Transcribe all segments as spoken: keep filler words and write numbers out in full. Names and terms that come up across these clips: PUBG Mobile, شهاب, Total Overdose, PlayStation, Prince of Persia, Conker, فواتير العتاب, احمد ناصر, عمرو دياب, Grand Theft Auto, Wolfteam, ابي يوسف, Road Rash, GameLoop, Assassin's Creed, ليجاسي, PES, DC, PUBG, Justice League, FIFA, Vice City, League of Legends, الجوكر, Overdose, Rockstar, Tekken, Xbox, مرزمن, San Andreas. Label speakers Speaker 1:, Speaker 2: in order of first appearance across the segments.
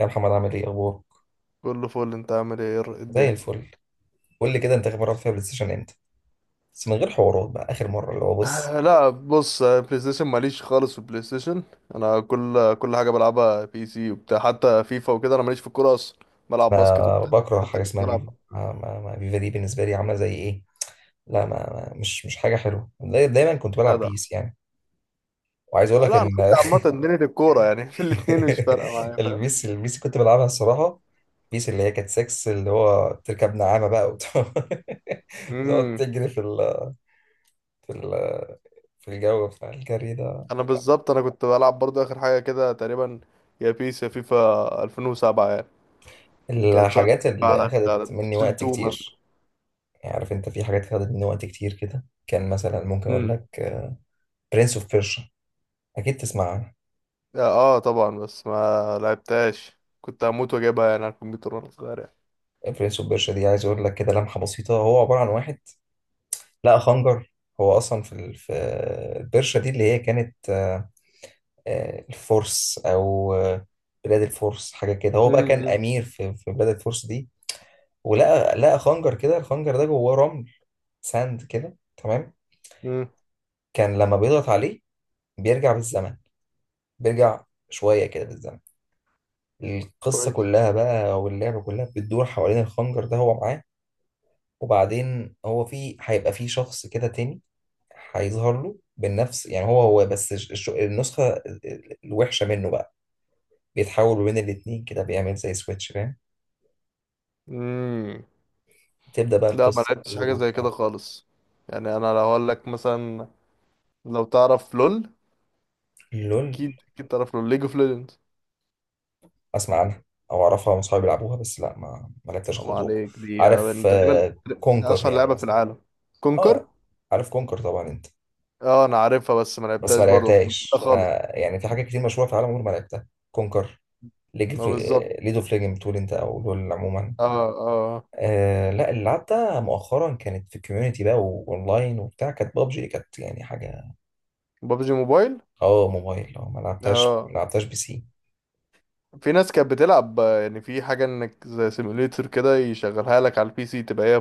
Speaker 1: يا محمد، عامل ايه؟ اخبارك؟
Speaker 2: كله فل. انت عامل ايه؟ ايه
Speaker 1: زي
Speaker 2: الدنيا؟
Speaker 1: الفل. قول لي كده، انت اخر مره رحت فيها بلاي ستيشن امتى؟ بس من غير حوارات بقى، اخر مره اللي هو بص.
Speaker 2: آه، لا بص، آه، بلاي ستيشن ماليش خالص في البلاي ستيشن. انا كل كل حاجه بلعبها بي سي وبتاع، حتى فيفا وكده. انا ماليش في الكوره اصلا، بلعب باسكت
Speaker 1: انا
Speaker 2: وبتاع.
Speaker 1: بكره
Speaker 2: حتى
Speaker 1: حاجه
Speaker 2: كنت
Speaker 1: اسمها فيفا.
Speaker 2: بلعب.
Speaker 1: ما ما ما فيفا دي بالنسبه لي عامله زي ايه؟ لا، ما ما- مش مش حاجه حلوه. داي- دايما كنت بلعب
Speaker 2: جدع.
Speaker 1: بيس يعني. وعايز اقول
Speaker 2: آه،
Speaker 1: لك
Speaker 2: لا، انا
Speaker 1: ان
Speaker 2: كنت عامه دنيا الكوره يعني في الاتنين مش فارقه معايا، فاهم؟
Speaker 1: البيس البيس كنت بلعبها الصراحه. بيس اللي هي كانت ستة، اللي هو تركب نعامه بقى وتقعد، بتقعد
Speaker 2: امم.
Speaker 1: تجري في ال في ال في الجو بتاع الجري ده.
Speaker 2: انا بالظبط انا كنت بلعب برضو اخر حاجه كده تقريبا، يا بيس يا فيفا ألفين وسبعه يعني. دي كانت شهر
Speaker 1: الحاجات اللي
Speaker 2: على على
Speaker 1: اخدت
Speaker 2: بلاي
Speaker 1: مني
Speaker 2: ستيشن
Speaker 1: وقت
Speaker 2: اتنين مثلا.
Speaker 1: كتير، يعني عارف انت في حاجات خدت مني وقت كتير كده. كان مثلا ممكن اقول لك برنس اوف بيرشا، اكيد تسمع عنها.
Speaker 2: اه طبعا، بس ما لعبتهاش. كنت هموت واجيبها يعني على الكمبيوتر وانا صغير يعني.
Speaker 1: برنس اوف بيرشا دي عايز اقول لك كده لمحه بسيطه. هو عباره عن واحد لقى خنجر. هو اصلا في ال- في البرشا دي، اللي هي كانت آه، آه، الفرس، او آه، بلاد الفرس حاجه كده. هو بقى كان
Speaker 2: امم.
Speaker 1: امير في في بلاد الفرس دي، ولقى لقى خنجر كده. الخنجر ده جواه رمل، ساند كده، تمام.
Speaker 2: امم.
Speaker 1: كان لما بيضغط عليه بيرجع بالزمن، بيرجع شويه كده بالزمن. القصة
Speaker 2: كويس.
Speaker 1: كلها بقى واللعبة كلها بتدور حوالين الخنجر ده هو معاه. وبعدين هو، في هيبقى في شخص كده تاني هيظهر له بالنفس، يعني هو هو بس الش- الش- النسخة ال- ال- الوحشة منه بقى. بيتحول ما بين الاتنين كده، بيعمل زي سويتش، فاهم.
Speaker 2: امم.
Speaker 1: تبدأ بقى
Speaker 2: لا، ما
Speaker 1: القصة
Speaker 2: لعبتش
Speaker 1: تدور
Speaker 2: حاجه زي كده
Speaker 1: وبتاع.
Speaker 2: خالص. يعني انا لو اقول لك مثلا، لو تعرف لول.
Speaker 1: لول.
Speaker 2: اكيد اكيد تعرف لول، ليج اوف ليجندز.
Speaker 1: أسمع عنها أو أعرفها من صحابي بيلعبوها، بس لا ما ما لعبتهاش
Speaker 2: ما
Speaker 1: خالص.
Speaker 2: عليك، دي آه،
Speaker 1: عارف
Speaker 2: من تقريبا
Speaker 1: آه، كونكر
Speaker 2: اشهر
Speaker 1: يعني
Speaker 2: لعبه في
Speaker 1: مثلا.
Speaker 2: العالم.
Speaker 1: اه.
Speaker 2: كونكر.
Speaker 1: عارف كونكر طبعا انت.
Speaker 2: اه انا عارفها بس ما
Speaker 1: بس ما
Speaker 2: لعبتهاش برضه. لا
Speaker 1: لعبتهاش
Speaker 2: خالص.
Speaker 1: انا، يعني في حاجات كتير مشهوره في العالم عمري ما لعبتها. كونكر، ليج اوف
Speaker 2: ما بالظبط.
Speaker 1: ليج اوف ليجند بتقول انت، او لول عموما.
Speaker 2: اه. اه.
Speaker 1: آه لا، اللي لعبتها مؤخرا كانت في كوميونتي بقى واونلاين وبتاع، كانت بابجي. كانت يعني حاجه.
Speaker 2: بابجي موبايل.
Speaker 1: اه، موبايل، اه، ما لعبتهاش ما
Speaker 2: اه،
Speaker 1: لعبتهاش بي سي.
Speaker 2: في ناس كانت بتلعب، آه، يعني في حاجة انك زي سيموليتر كده يشغلها لك على البي سي تبقى هي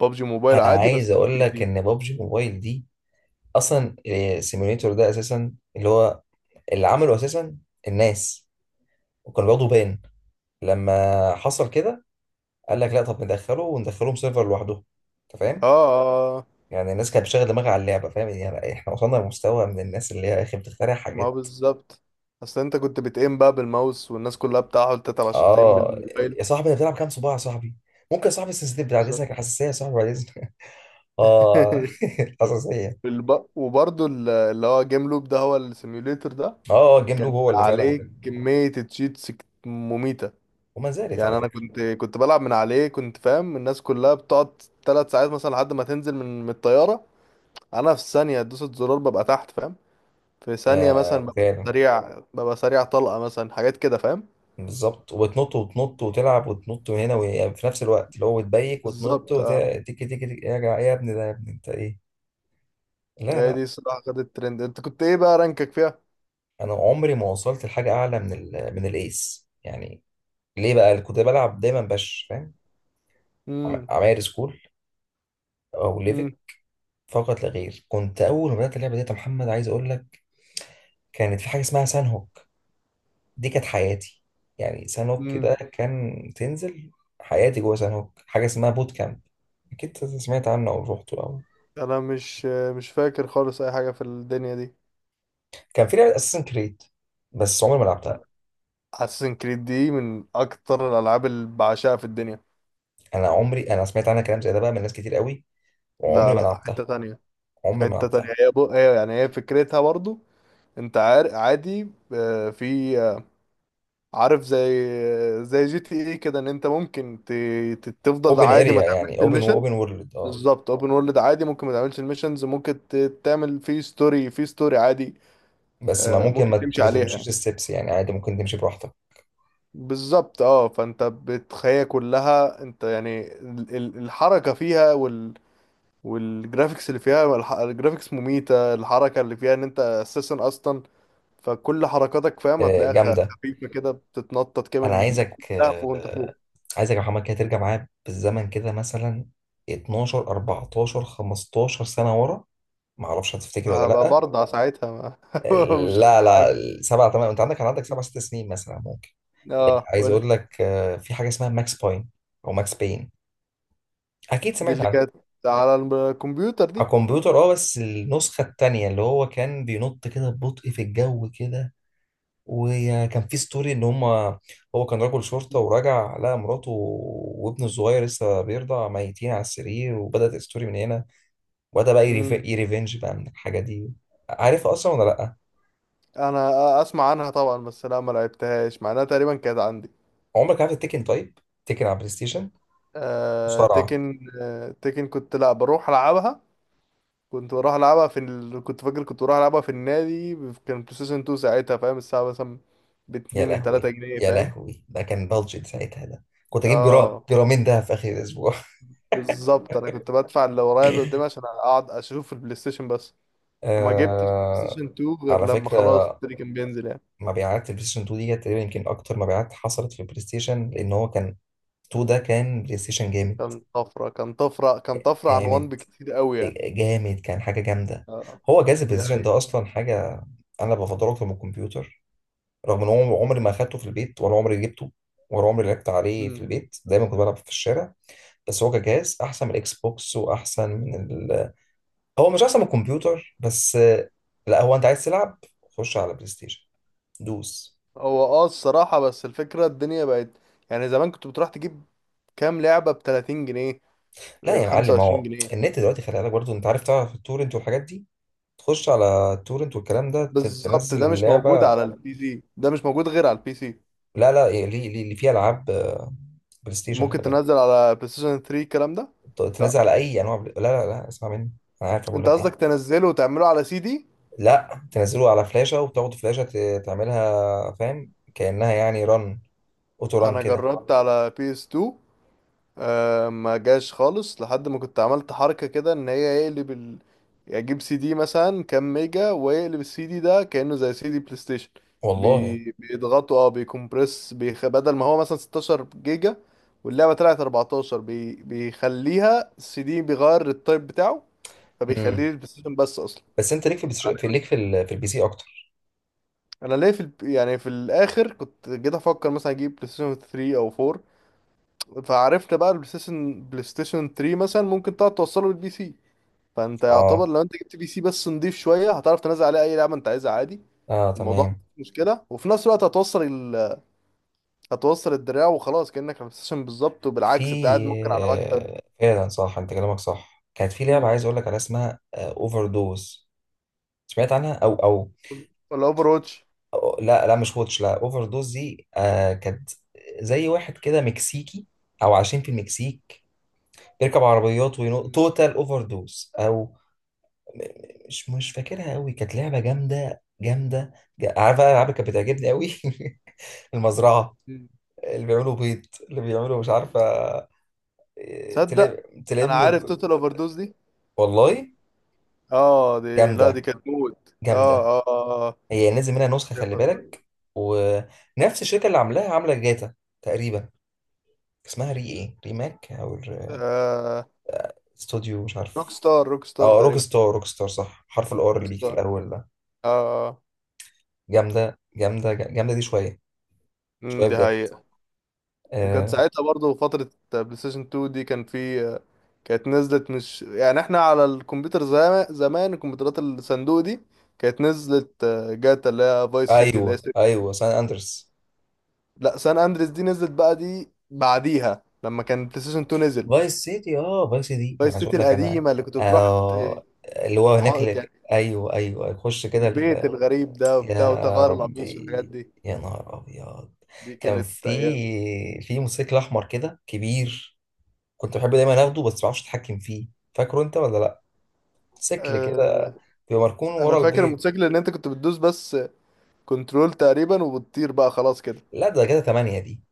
Speaker 2: ببجي موبايل
Speaker 1: انا
Speaker 2: عادي
Speaker 1: عايز
Speaker 2: بس على
Speaker 1: اقول
Speaker 2: البي
Speaker 1: لك
Speaker 2: سي.
Speaker 1: ان بابجي موبايل دي اصلا السيموليتور ده اساسا، اللي هو اللي عمله اساسا الناس، وكانوا بياخدوا بان لما حصل كده. قال لك لا، طب ندخله وندخلهم سيرفر لوحده، انت
Speaker 2: اه.
Speaker 1: فاهم.
Speaker 2: اه.
Speaker 1: يعني الناس كانت بتشغل دماغها على اللعبه، فاهم، يعني احنا وصلنا لمستوى من الناس اللي هي يا اخي بتخترع
Speaker 2: ما هو
Speaker 1: حاجات.
Speaker 2: بالظبط. اصل انت كنت بتقيم بقى بالماوس والناس كلها بتحاول تتعب عشان تقيم
Speaker 1: اه. يا
Speaker 2: بالموبايل.
Speaker 1: صاحبي، انت بتلعب كام صباع يا صاحبي؟ ممكن يا صاحبي، السنسيتيف بعد
Speaker 2: بالظبط.
Speaker 1: اذنك، الحساسيه يا صاحبي بعد اذنك. اه الحساسيه.
Speaker 2: والب- وبرضه ال- اللي هو جيم لوب، ده هو السيموليتر ده.
Speaker 1: اه، اه، الجيم
Speaker 2: كان
Speaker 1: لوب هو اللي فعلا
Speaker 2: عليه
Speaker 1: كان.
Speaker 2: كمية تشيتس مميتة.
Speaker 1: وما زالت على
Speaker 2: يعني انا
Speaker 1: فكره.
Speaker 2: كنت كنت بلعب من عليه، كنت فاهم؟ الناس كلها بتقعد ثلاث ساعات مثلا لحد ما تنزل من من الطيارة. انا في ثانيه دوسة زرار ببقى تحت، فاهم؟ في ثانيه مثلا
Speaker 1: آه
Speaker 2: ببقى
Speaker 1: فعلا.
Speaker 2: سريع، ببقى سريع طلقه مثلا، حاجات كده، فاهم؟
Speaker 1: بالظبط، وتنط وتنط وتلعب وتنط من هنا، وهي- في نفس الوقت اللي هو بتبيك، وتنط
Speaker 2: بالظبط.
Speaker 1: وت-
Speaker 2: اه.
Speaker 1: تيكي تيكي تيكي، يا جا- يا ابني ده، يا ابني انت ايه؟ لا
Speaker 2: هي
Speaker 1: لا.
Speaker 2: دي الصراحه خدت الترند. انت كنت ايه بقى رانكك فيها؟
Speaker 1: انا عمري ما وصلت لحاجه اعلى من ال من الايس يعني. ليه بقى كنت بلعب دايما باش، فاهم. عم-
Speaker 2: امم.
Speaker 1: عماير سكول، او ليفك،
Speaker 2: امم.
Speaker 1: فقط لا غير. كنت اول ما بدات اللعبه ديت، يا محمد عايز اقول لك، كانت في حاجه اسمها سان هوك. دي كانت حياتي، يعني سان هوك ده
Speaker 2: امم.
Speaker 1: كان تنزل. حياتي جوه سان هوك، حاجه اسمها بوت كامب، اكيد سمعت عنه او روحته او.
Speaker 2: انا مش مش فاكر خالص اي حاجه في الدنيا دي.
Speaker 1: كان في لعبه اساسن كريد، بس عمري ما لعبتها.
Speaker 2: اساسن كريد دي من اكتر الالعاب اللي بعشقها في الدنيا.
Speaker 1: انا عمري، انا سمعت عنها كلام زي ده بقى من ناس كتير قوي، وعمري
Speaker 2: لا
Speaker 1: ما
Speaker 2: لا،
Speaker 1: لعبتها.
Speaker 2: حته تانية.
Speaker 1: عمري ما
Speaker 2: حته تانية.
Speaker 1: لعبتها.
Speaker 2: هي بو... هي يعني هي فكرتها برضو. انت عار... عادي. آه، في آه، عارف، زي زي جي تي ايه كده، ان انت ممكن ت... ت- تفضل
Speaker 1: اوبن
Speaker 2: عادي ما
Speaker 1: اريا
Speaker 2: تعملش
Speaker 1: يعني، اوبن
Speaker 2: الميشن.
Speaker 1: اوبن وورلد، اه.
Speaker 2: بالظبط. اوبن وورلد عادي، ممكن ما تعملش الميشنز. ممكن ت... تعمل فيه ستوري، فيه ستوري عادي.
Speaker 1: بس ما
Speaker 2: آه،
Speaker 1: ممكن
Speaker 2: ممكن
Speaker 1: ما ت-
Speaker 2: تمشي
Speaker 1: مش
Speaker 2: عليها.
Speaker 1: تمشيش الستبس، يعني عادي ممكن تمشي براحتك.
Speaker 2: بالظبط. اه. فانت بتخيل كلها انت، يعني ال- ال- الحركة فيها وال... والجرافيكس اللي فيها، الح- الجرافيكس مميتة. الحركة اللي فيها ان انت اساسا اصلا، فكل حركاتك فاهم
Speaker 1: آه،
Speaker 2: هتلاقيها خ-
Speaker 1: جامده.
Speaker 2: خفيفة كده، بتتنطط كده
Speaker 1: انا
Speaker 2: من ال-
Speaker 1: عايزك
Speaker 2: كلها فوق وانت
Speaker 1: آه،
Speaker 2: فوق.
Speaker 1: عايزك يا محمد كده ترجع معايا بالزمن كده مثلا اتناشر اربعتاشر خمستاشر سنه ورا، ما اعرفش هتفتكر
Speaker 2: ما
Speaker 1: ولا
Speaker 2: هبقى
Speaker 1: لا.
Speaker 2: برضه ساعتها.
Speaker 1: آه.
Speaker 2: ما مش
Speaker 1: لا
Speaker 2: هبقى
Speaker 1: لا،
Speaker 2: معاك.
Speaker 1: سبع تمام. انت عندك كان عندك سبع ست سنين مثلا ممكن.
Speaker 2: اه
Speaker 1: عايز
Speaker 2: قول
Speaker 1: اقول
Speaker 2: لي.
Speaker 1: لك آه، في حاجه اسمها ماكس باين، او ماكس بين، اكيد
Speaker 2: دي
Speaker 1: سمعت
Speaker 2: اللي
Speaker 1: عنها.
Speaker 2: كانت على الكمبيوتر
Speaker 1: على
Speaker 2: دي.
Speaker 1: الكمبيوتر، اه، بس النسخه التانيه اللي هو كان بينط كده ببطء في الجو كده. وكان في ستوري ان هما، هو كان رجل شرطة، وراجع لقى مراته وابنه الصغير لسه بيرضع ميتين على السرير، وبدأت الستوري من هنا. وبدأ بقى يريف-
Speaker 2: امم
Speaker 1: يريفنج بقى من الحاجة دي. عارف اصلا ولا لأ؟
Speaker 2: انا اسمع عنها طبعا، بس لا ما لعبتهاش مع انها تقريبا كانت عندي.
Speaker 1: عمرك عارف التكن؟ طيب، تكن على بلاي ستيشن،
Speaker 2: آه
Speaker 1: مصارعة.
Speaker 2: تيكن آه تيكن كنت، لا، بروح العبها. كنت بروح العبها في ال... كنت فاكر كنت بروح العبها في النادي. كان بلاي ستيشن اتنين ساعتها، فاهم؟ الساعه مثلا ب
Speaker 1: يا
Speaker 2: اتنين 3
Speaker 1: لهوي،
Speaker 2: جنيه
Speaker 1: يا
Speaker 2: فاهم؟
Speaker 1: لهوي، ده كان بادجت ساعتها. ده كنت اجيب جرام
Speaker 2: اه
Speaker 1: جرامين ده في اخر الاسبوع.
Speaker 2: بالظبط. انا كنت بدفع اللي ورايا اللي قدامي عشان اقعد اشوف البلاي ستيشن بس. وما جبتش
Speaker 1: آه...
Speaker 2: سيشن تو غير
Speaker 1: على
Speaker 2: لما خلاص
Speaker 1: فكرة،
Speaker 2: التري كان بينزل يعني.
Speaker 1: مبيعات البلاي ستيشن اتنين دي كانت تقريبا يمكن اكتر مبيعات حصلت في البلاي ستيشن، لان هو كان. اتنين ده كان بلاي ستيشن جامد
Speaker 2: كان طفرة، كان طفرة، كان طفرة عن ون
Speaker 1: جامد
Speaker 2: بكتير قوي يعني.
Speaker 1: جامد، كان حاجة جامدة.
Speaker 2: اه.
Speaker 1: هو جهاز
Speaker 2: دي
Speaker 1: البلايستيشن
Speaker 2: حقيقة.
Speaker 1: ده أصلا حاجة. أنا بفضله أكتر من الكمبيوتر، رغم إن هو عمري ما أخدته في البيت ولا عمري جبته، ولا عمري لعبت عليه في
Speaker 2: مم.
Speaker 1: البيت. دايما كنت بلعب في الشارع. بس هو كجهاز أحسن من الإكس بوكس وأحسن من ال... هو مش أحسن من الكمبيوتر بس. لا، هو أنت عايز تلعب، خش على بلاي ستيشن، دوس.
Speaker 2: هو اه الصراحة، بس الفكرة الدنيا بقت، يعني زمان كنت بتروح تجيب كام لعبة ب تلاتين جنيه،
Speaker 1: لا
Speaker 2: ب
Speaker 1: يا معلم،
Speaker 2: 25
Speaker 1: هو
Speaker 2: جنيه
Speaker 1: النت دلوقتي خلي بالك برضه، أنت عارف، تعرف التورنت والحاجات دي. تخش على التورنت والكلام ده، ت-
Speaker 2: بالظبط.
Speaker 1: تنزل
Speaker 2: ده مش موجود
Speaker 1: اللعبة.
Speaker 2: على البي سي، ده مش موجود غير على البي سي.
Speaker 1: لا لا، إيه، ليه ليه ليه فيها العاب، آه، بلاي ستيشن خلي
Speaker 2: ممكن
Speaker 1: بالك.
Speaker 2: تنزل على بلاي ستيشن تري الكلام ده.
Speaker 1: ت-
Speaker 2: لا،
Speaker 1: تنزل على اي انواع بلاي... لا لا لا، اسمع مني. انا عارف بقول
Speaker 2: انت
Speaker 1: لك ايه.
Speaker 2: قصدك تنزله وتعمله على سي دي.
Speaker 1: لا، تنزله على فلاشه، وتاخد فلاشه ت- تعملها، فاهم، كانها يعني رن، اوتو رن
Speaker 2: انا
Speaker 1: كده.
Speaker 2: جربت على بي اس تو. أه، ما جاش خالص لحد ما كنت عملت حركة كده ان هي يقلب ال... يعني اجيب سي دي مثلا كام ميجا، ويقلب السي دي ده كأنه زي سي دي بلاي ستيشن.
Speaker 1: والله.
Speaker 2: بي... بيضغطوا، اه بيكمبرس، بيخ... بدل ما هو مثلا ستة عشر جيجا واللعبة طلعت اربعتاشر، بي... بيخليها السي دي، بيغير التايب بتاعه فبيخليه
Speaker 1: امم.
Speaker 2: البلاي ستيشن بس اصلا.
Speaker 1: بس انت ليك في البس... في ليك في ال... في البي سي اكتر.
Speaker 2: انا ليه في ال... يعني في الاخر كنت جيت افكر مثلا اجيب بلاي ستيشن تري او فور. فعرفت بقى البلاي ستيشن بلاي ستيشن تري مثلا ممكن تقعد توصله للبي سي. فانت يعتبر
Speaker 1: اه،
Speaker 2: لو انت جبت بي سي بس نضيف شويه، هتعرف تنزل عليه اي لعبه انت عايزها عادي.
Speaker 1: اه،
Speaker 2: الموضوع
Speaker 1: تمام.
Speaker 2: مش مشكله. وفي نفس الوقت هتوصل ال... هتوصل الدراع وخلاص كانك على ستيشن بالظبط،
Speaker 1: في
Speaker 2: وبالعكس انت قاعد ممكن على مكتب.
Speaker 1: آه، فعلا صح، انت كلامك صح. كانت في لعبه
Speaker 2: امم
Speaker 1: عايز اقول لك عليها اسمها اوفر دوز، سمعت عنها او او
Speaker 2: ولا اوفر واتش؟
Speaker 1: لا لا، مش ووتش، لا، اوفر دوز دي آه كانت زي واحد كده مكسيكي، او عايشين في المكسيك، بيركب عربيات وينط،
Speaker 2: مم.
Speaker 1: توتال اوفر دوز، او م- م- مش مش فاكرها قوي. كانت لعبه جامده جامده. جا- عارف بقى الالعاب اللي كانت بتعجبني قوي؟ المزرعه،
Speaker 2: مم.
Speaker 1: اللي بيعملوا بيض، اللي بيعملوا مش عارفه. آه،
Speaker 2: تصدق
Speaker 1: تلم.
Speaker 2: انا
Speaker 1: تلم.
Speaker 2: عارف توتال اوفر دوز دي.
Speaker 1: والله
Speaker 2: اه، دي، لا، دي
Speaker 1: جامده
Speaker 2: كانت موت. اه
Speaker 1: جامده.
Speaker 2: اه اه آه.
Speaker 1: هي نازل منها نسخه، خلي
Speaker 2: شايفها دلوقتي.
Speaker 1: بالك. ونفس الشركه اللي عاملاها عامله جاتا تقريبا، اسمها ري ايه ريماك او الر-
Speaker 2: آه،
Speaker 1: استوديو مش
Speaker 2: روك
Speaker 1: عارف.
Speaker 2: ستار، روك ستار
Speaker 1: اه، روك
Speaker 2: تقريبا.
Speaker 1: ستار. روك ستار صح، حرف الار
Speaker 2: روك
Speaker 1: اللي بيجي في
Speaker 2: ستار.
Speaker 1: الاول ده.
Speaker 2: اه. اه.
Speaker 1: جامده جامده جامده دي شويه.
Speaker 2: امم
Speaker 1: شويه
Speaker 2: دي
Speaker 1: بجد.
Speaker 2: هي. وكان
Speaker 1: آه.
Speaker 2: ساعتها برضه فترة بلاي ستيشن تو دي، كان في كانت نزلت، مش يعني احنا على الكمبيوتر زمان، زمان الكمبيوترات الصندوق دي كانت نزلت، آه، جاتا اللي هي فايس سيتي اللي هي
Speaker 1: ايوه،
Speaker 2: سي-
Speaker 1: ايوه، سان اندرس.
Speaker 2: لا، سان اندريس دي نزلت بقى دي بعديها لما كان بلاي ستيشن تو نزل.
Speaker 1: فايس سيتي اه فايس سيتي انا
Speaker 2: فايس
Speaker 1: عايز
Speaker 2: سيتي
Speaker 1: اقول لك. انا
Speaker 2: القديمة اللي كنت بتروح ت-
Speaker 1: آه اللي هو هناك
Speaker 2: تحط
Speaker 1: اللي...
Speaker 2: يعني
Speaker 1: ايوه، ايوه، يخش كده
Speaker 2: البيت
Speaker 1: ال...
Speaker 2: الغريب ده وبتاع،
Speaker 1: يا
Speaker 2: وتغير القميص والحاجات
Speaker 1: ربي،
Speaker 2: دي.
Speaker 1: يا نهار ابيض.
Speaker 2: دي
Speaker 1: كان
Speaker 2: كانت
Speaker 1: في
Speaker 2: ايام.
Speaker 1: في موتوسيكل احمر كده كبير، كنت بحب دايما اخده بس ما اعرفش اتحكم فيه. فاكره انت ولا لا؟ سكل
Speaker 2: أه،
Speaker 1: كده، بيبقى مركون
Speaker 2: انا
Speaker 1: ورا
Speaker 2: فاكر
Speaker 1: البيت.
Speaker 2: الموتوسيكل ان انت كنت بتدوس بس كنترول تقريبا وبتطير بقى خلاص كده.
Speaker 1: لا، ده كده تمانية دي.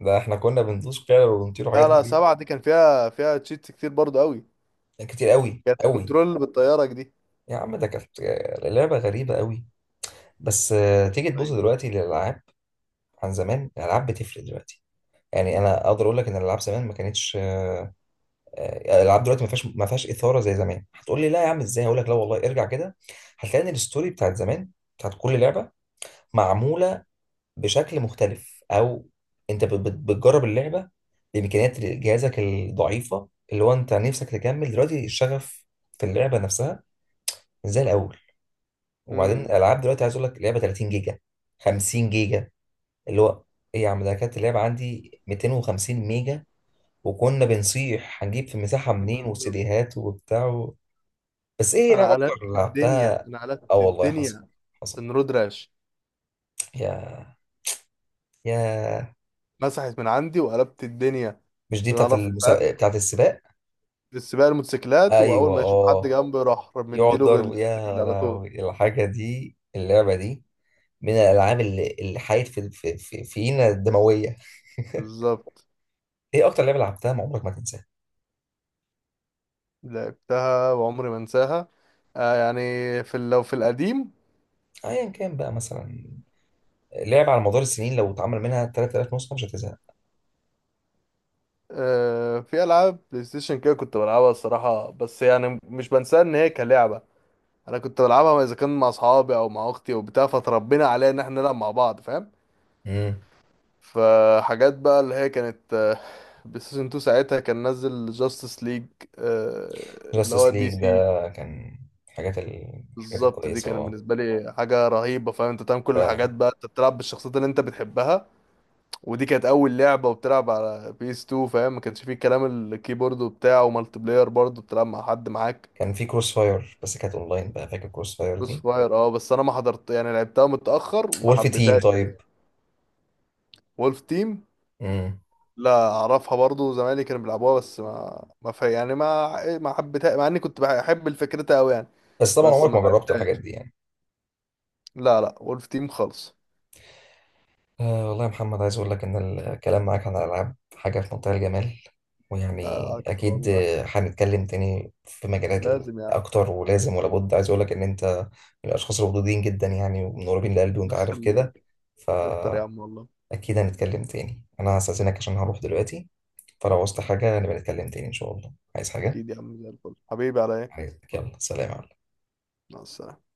Speaker 1: ده احنا كنا بندوس فعلا وبنطير
Speaker 2: لا
Speaker 1: وحاجات
Speaker 2: لا،
Speaker 1: غريبة.
Speaker 2: سبعة دي كان فيها فيها تشيتس كتير برضو قوي.
Speaker 1: كتير قوي
Speaker 2: كانت
Speaker 1: قوي.
Speaker 2: الكنترول بالطيارة دي.
Speaker 1: يا عم، ده كانت لعبة غريبة قوي. بس
Speaker 2: كانت.
Speaker 1: آه، تيجي تبص
Speaker 2: طيب.
Speaker 1: دلوقتي للألعاب، عن زمان الألعاب بتفرق دلوقتي. يعني انا اقدر اقول لك ان الالعاب زمان ما كانتش آه، الالعاب دلوقتي ما فيهاش، ما فيهاش اثاره زي زمان. هتقول لي لا يا عم ازاي، هقول لك لا والله، ارجع كده هتلاقي ان الستوري بتاعت زمان، بتاعت كل لعبه، معموله بشكل مختلف. او انت بت- بت- بتجرب اللعبه بامكانيات جهازك الضعيفه، اللي هو انت نفسك تكمل دلوقتي الشغف في اللعبه نفسها، مش زي الاول. وبعدين
Speaker 2: امم.
Speaker 1: الالعاب دلوقتي عايز اقول لك لعبه تلاتين جيجا، خمسين جيجا، اللي هو ايه، يا عم ده كانت اللعبه عندي ميتين وخمسين ميجا. وكنا بنصيح هنجيب في المساحه منين،
Speaker 2: بالظبط.
Speaker 1: وسيديهات وبتاع و... بس ايه لعبه
Speaker 2: انا
Speaker 1: اكتر اللي
Speaker 2: قلبت الدنيا،
Speaker 1: لعبتها؟
Speaker 2: انا
Speaker 1: اه
Speaker 2: قلبت
Speaker 1: والله، حصل،
Speaker 2: الدنيا
Speaker 1: حصل.
Speaker 2: عشان رود راش.
Speaker 1: يا يا
Speaker 2: مسحت من عندي وقلبت الدنيا
Speaker 1: مش دي
Speaker 2: عشان
Speaker 1: بتاعت
Speaker 2: اعرف،
Speaker 1: المسا...
Speaker 2: فاهم؟
Speaker 1: بتاعت السباق؟
Speaker 2: في السباق الموتوسيكلات، واول
Speaker 1: ايوه،
Speaker 2: ما يشوف حد
Speaker 1: اه.
Speaker 2: جنبي راح
Speaker 1: يقعد
Speaker 2: مديله
Speaker 1: ضرب، يا
Speaker 2: بالرجل على طول.
Speaker 1: لهوي. الحاجة دي، اللعبة دي من الألعاب اللي اللي حيت في في في فينا الدموية.
Speaker 2: بالظبط.
Speaker 1: إيه أكتر لعبة لعبتها ما عمرك ما تنساها؟
Speaker 2: لعبتها وعمري ما انساها. آه يعني، في ال- لو في القديم.
Speaker 1: أيا كان بقى مثلا، لعبة على مدار السنين لو اتعمل منها ثلاثة آلاف نسخة مش هتزهق.
Speaker 2: آه، في العاب بلاي ستيشن كده كنت بلعبها الصراحة، بس يعني مش بنساها ان هي كلعبة. انا كنت بلعبها اذا كان مع اصحابي او مع اختي وبتاع، فتربينا عليها ان احنا نلعب مع بعض، فاهم؟
Speaker 1: امم.
Speaker 2: فحاجات بقى اللي هي كانت آه، بلايستيشن تو ساعتها كان نزل جاستس ليج اللي هو
Speaker 1: جاستس
Speaker 2: دي
Speaker 1: ليج ده
Speaker 2: سي.
Speaker 1: كان حاجات ال... الحاجات
Speaker 2: بالظبط. دي
Speaker 1: الكويسة،
Speaker 2: كانت
Speaker 1: اه.
Speaker 2: بالنسبه لي حاجه رهيبه، فاهم؟ انت تعمل كل الحاجات
Speaker 1: فعلا.
Speaker 2: بقى، انت بتلعب بالشخصيات اللي انت بتحبها. ودي كانت اول لعبه وبتلعب على بي اس تو، فاهم؟ ما كانش فيه كلام الكيبورد وبتاع، ومالتي بلاير برضه بتلعب مع حد معاك.
Speaker 1: كان في كروس فاير بس كانت أونلاين، بقى فاكر كروس فاير
Speaker 2: كروس
Speaker 1: دي؟
Speaker 2: فاير. اه، بس انا ما حضرت يعني، لعبتها متاخر وما
Speaker 1: وولف تيم
Speaker 2: حبيتهاش.
Speaker 1: طيب.
Speaker 2: وولف تيم.
Speaker 1: امم.
Speaker 2: لا اعرفها برضو، زمايلي كانوا بيلعبوها، بس ما ما في يعني، ما ما حبيتها مع اني كنت بحب الفكرتها قوي يعني.
Speaker 1: بس طبعا
Speaker 2: بس
Speaker 1: عمرك
Speaker 2: ما
Speaker 1: ما جربت الحاجات
Speaker 2: لعبتهاش.
Speaker 1: دي يعني.
Speaker 2: لا لا، وولف تيم خالص.
Speaker 1: آه والله يا محمد، عايز أقول لك إن الكلام معاك عن الألعاب حاجة في منتهى الجمال. ويعني
Speaker 2: آه، اكتر
Speaker 1: أكيد
Speaker 2: والله.
Speaker 1: آه، هنتكلم تاني في مجالات ال-
Speaker 2: لازم يا عم.
Speaker 1: أكتر، ولازم ولا بد. عايز أقول لك إن أنت من الأشخاص الودودين جدا يعني، ومن قريبين لقلبي، وأنت عارف كده.
Speaker 2: نخليك. اكتر يا عم
Speaker 1: فأكيد
Speaker 2: والله.
Speaker 1: هنتكلم تاني. أنا هستأذنك عشان هروح دلوقتي. فلو عوزت حاجة نبقى نتكلم تاني إن شاء الله. عايز حاجة؟
Speaker 2: اكيد يا عم، زي الفل حبيبي، على ايه.
Speaker 1: عايز يلا سلام.
Speaker 2: مع السلامة.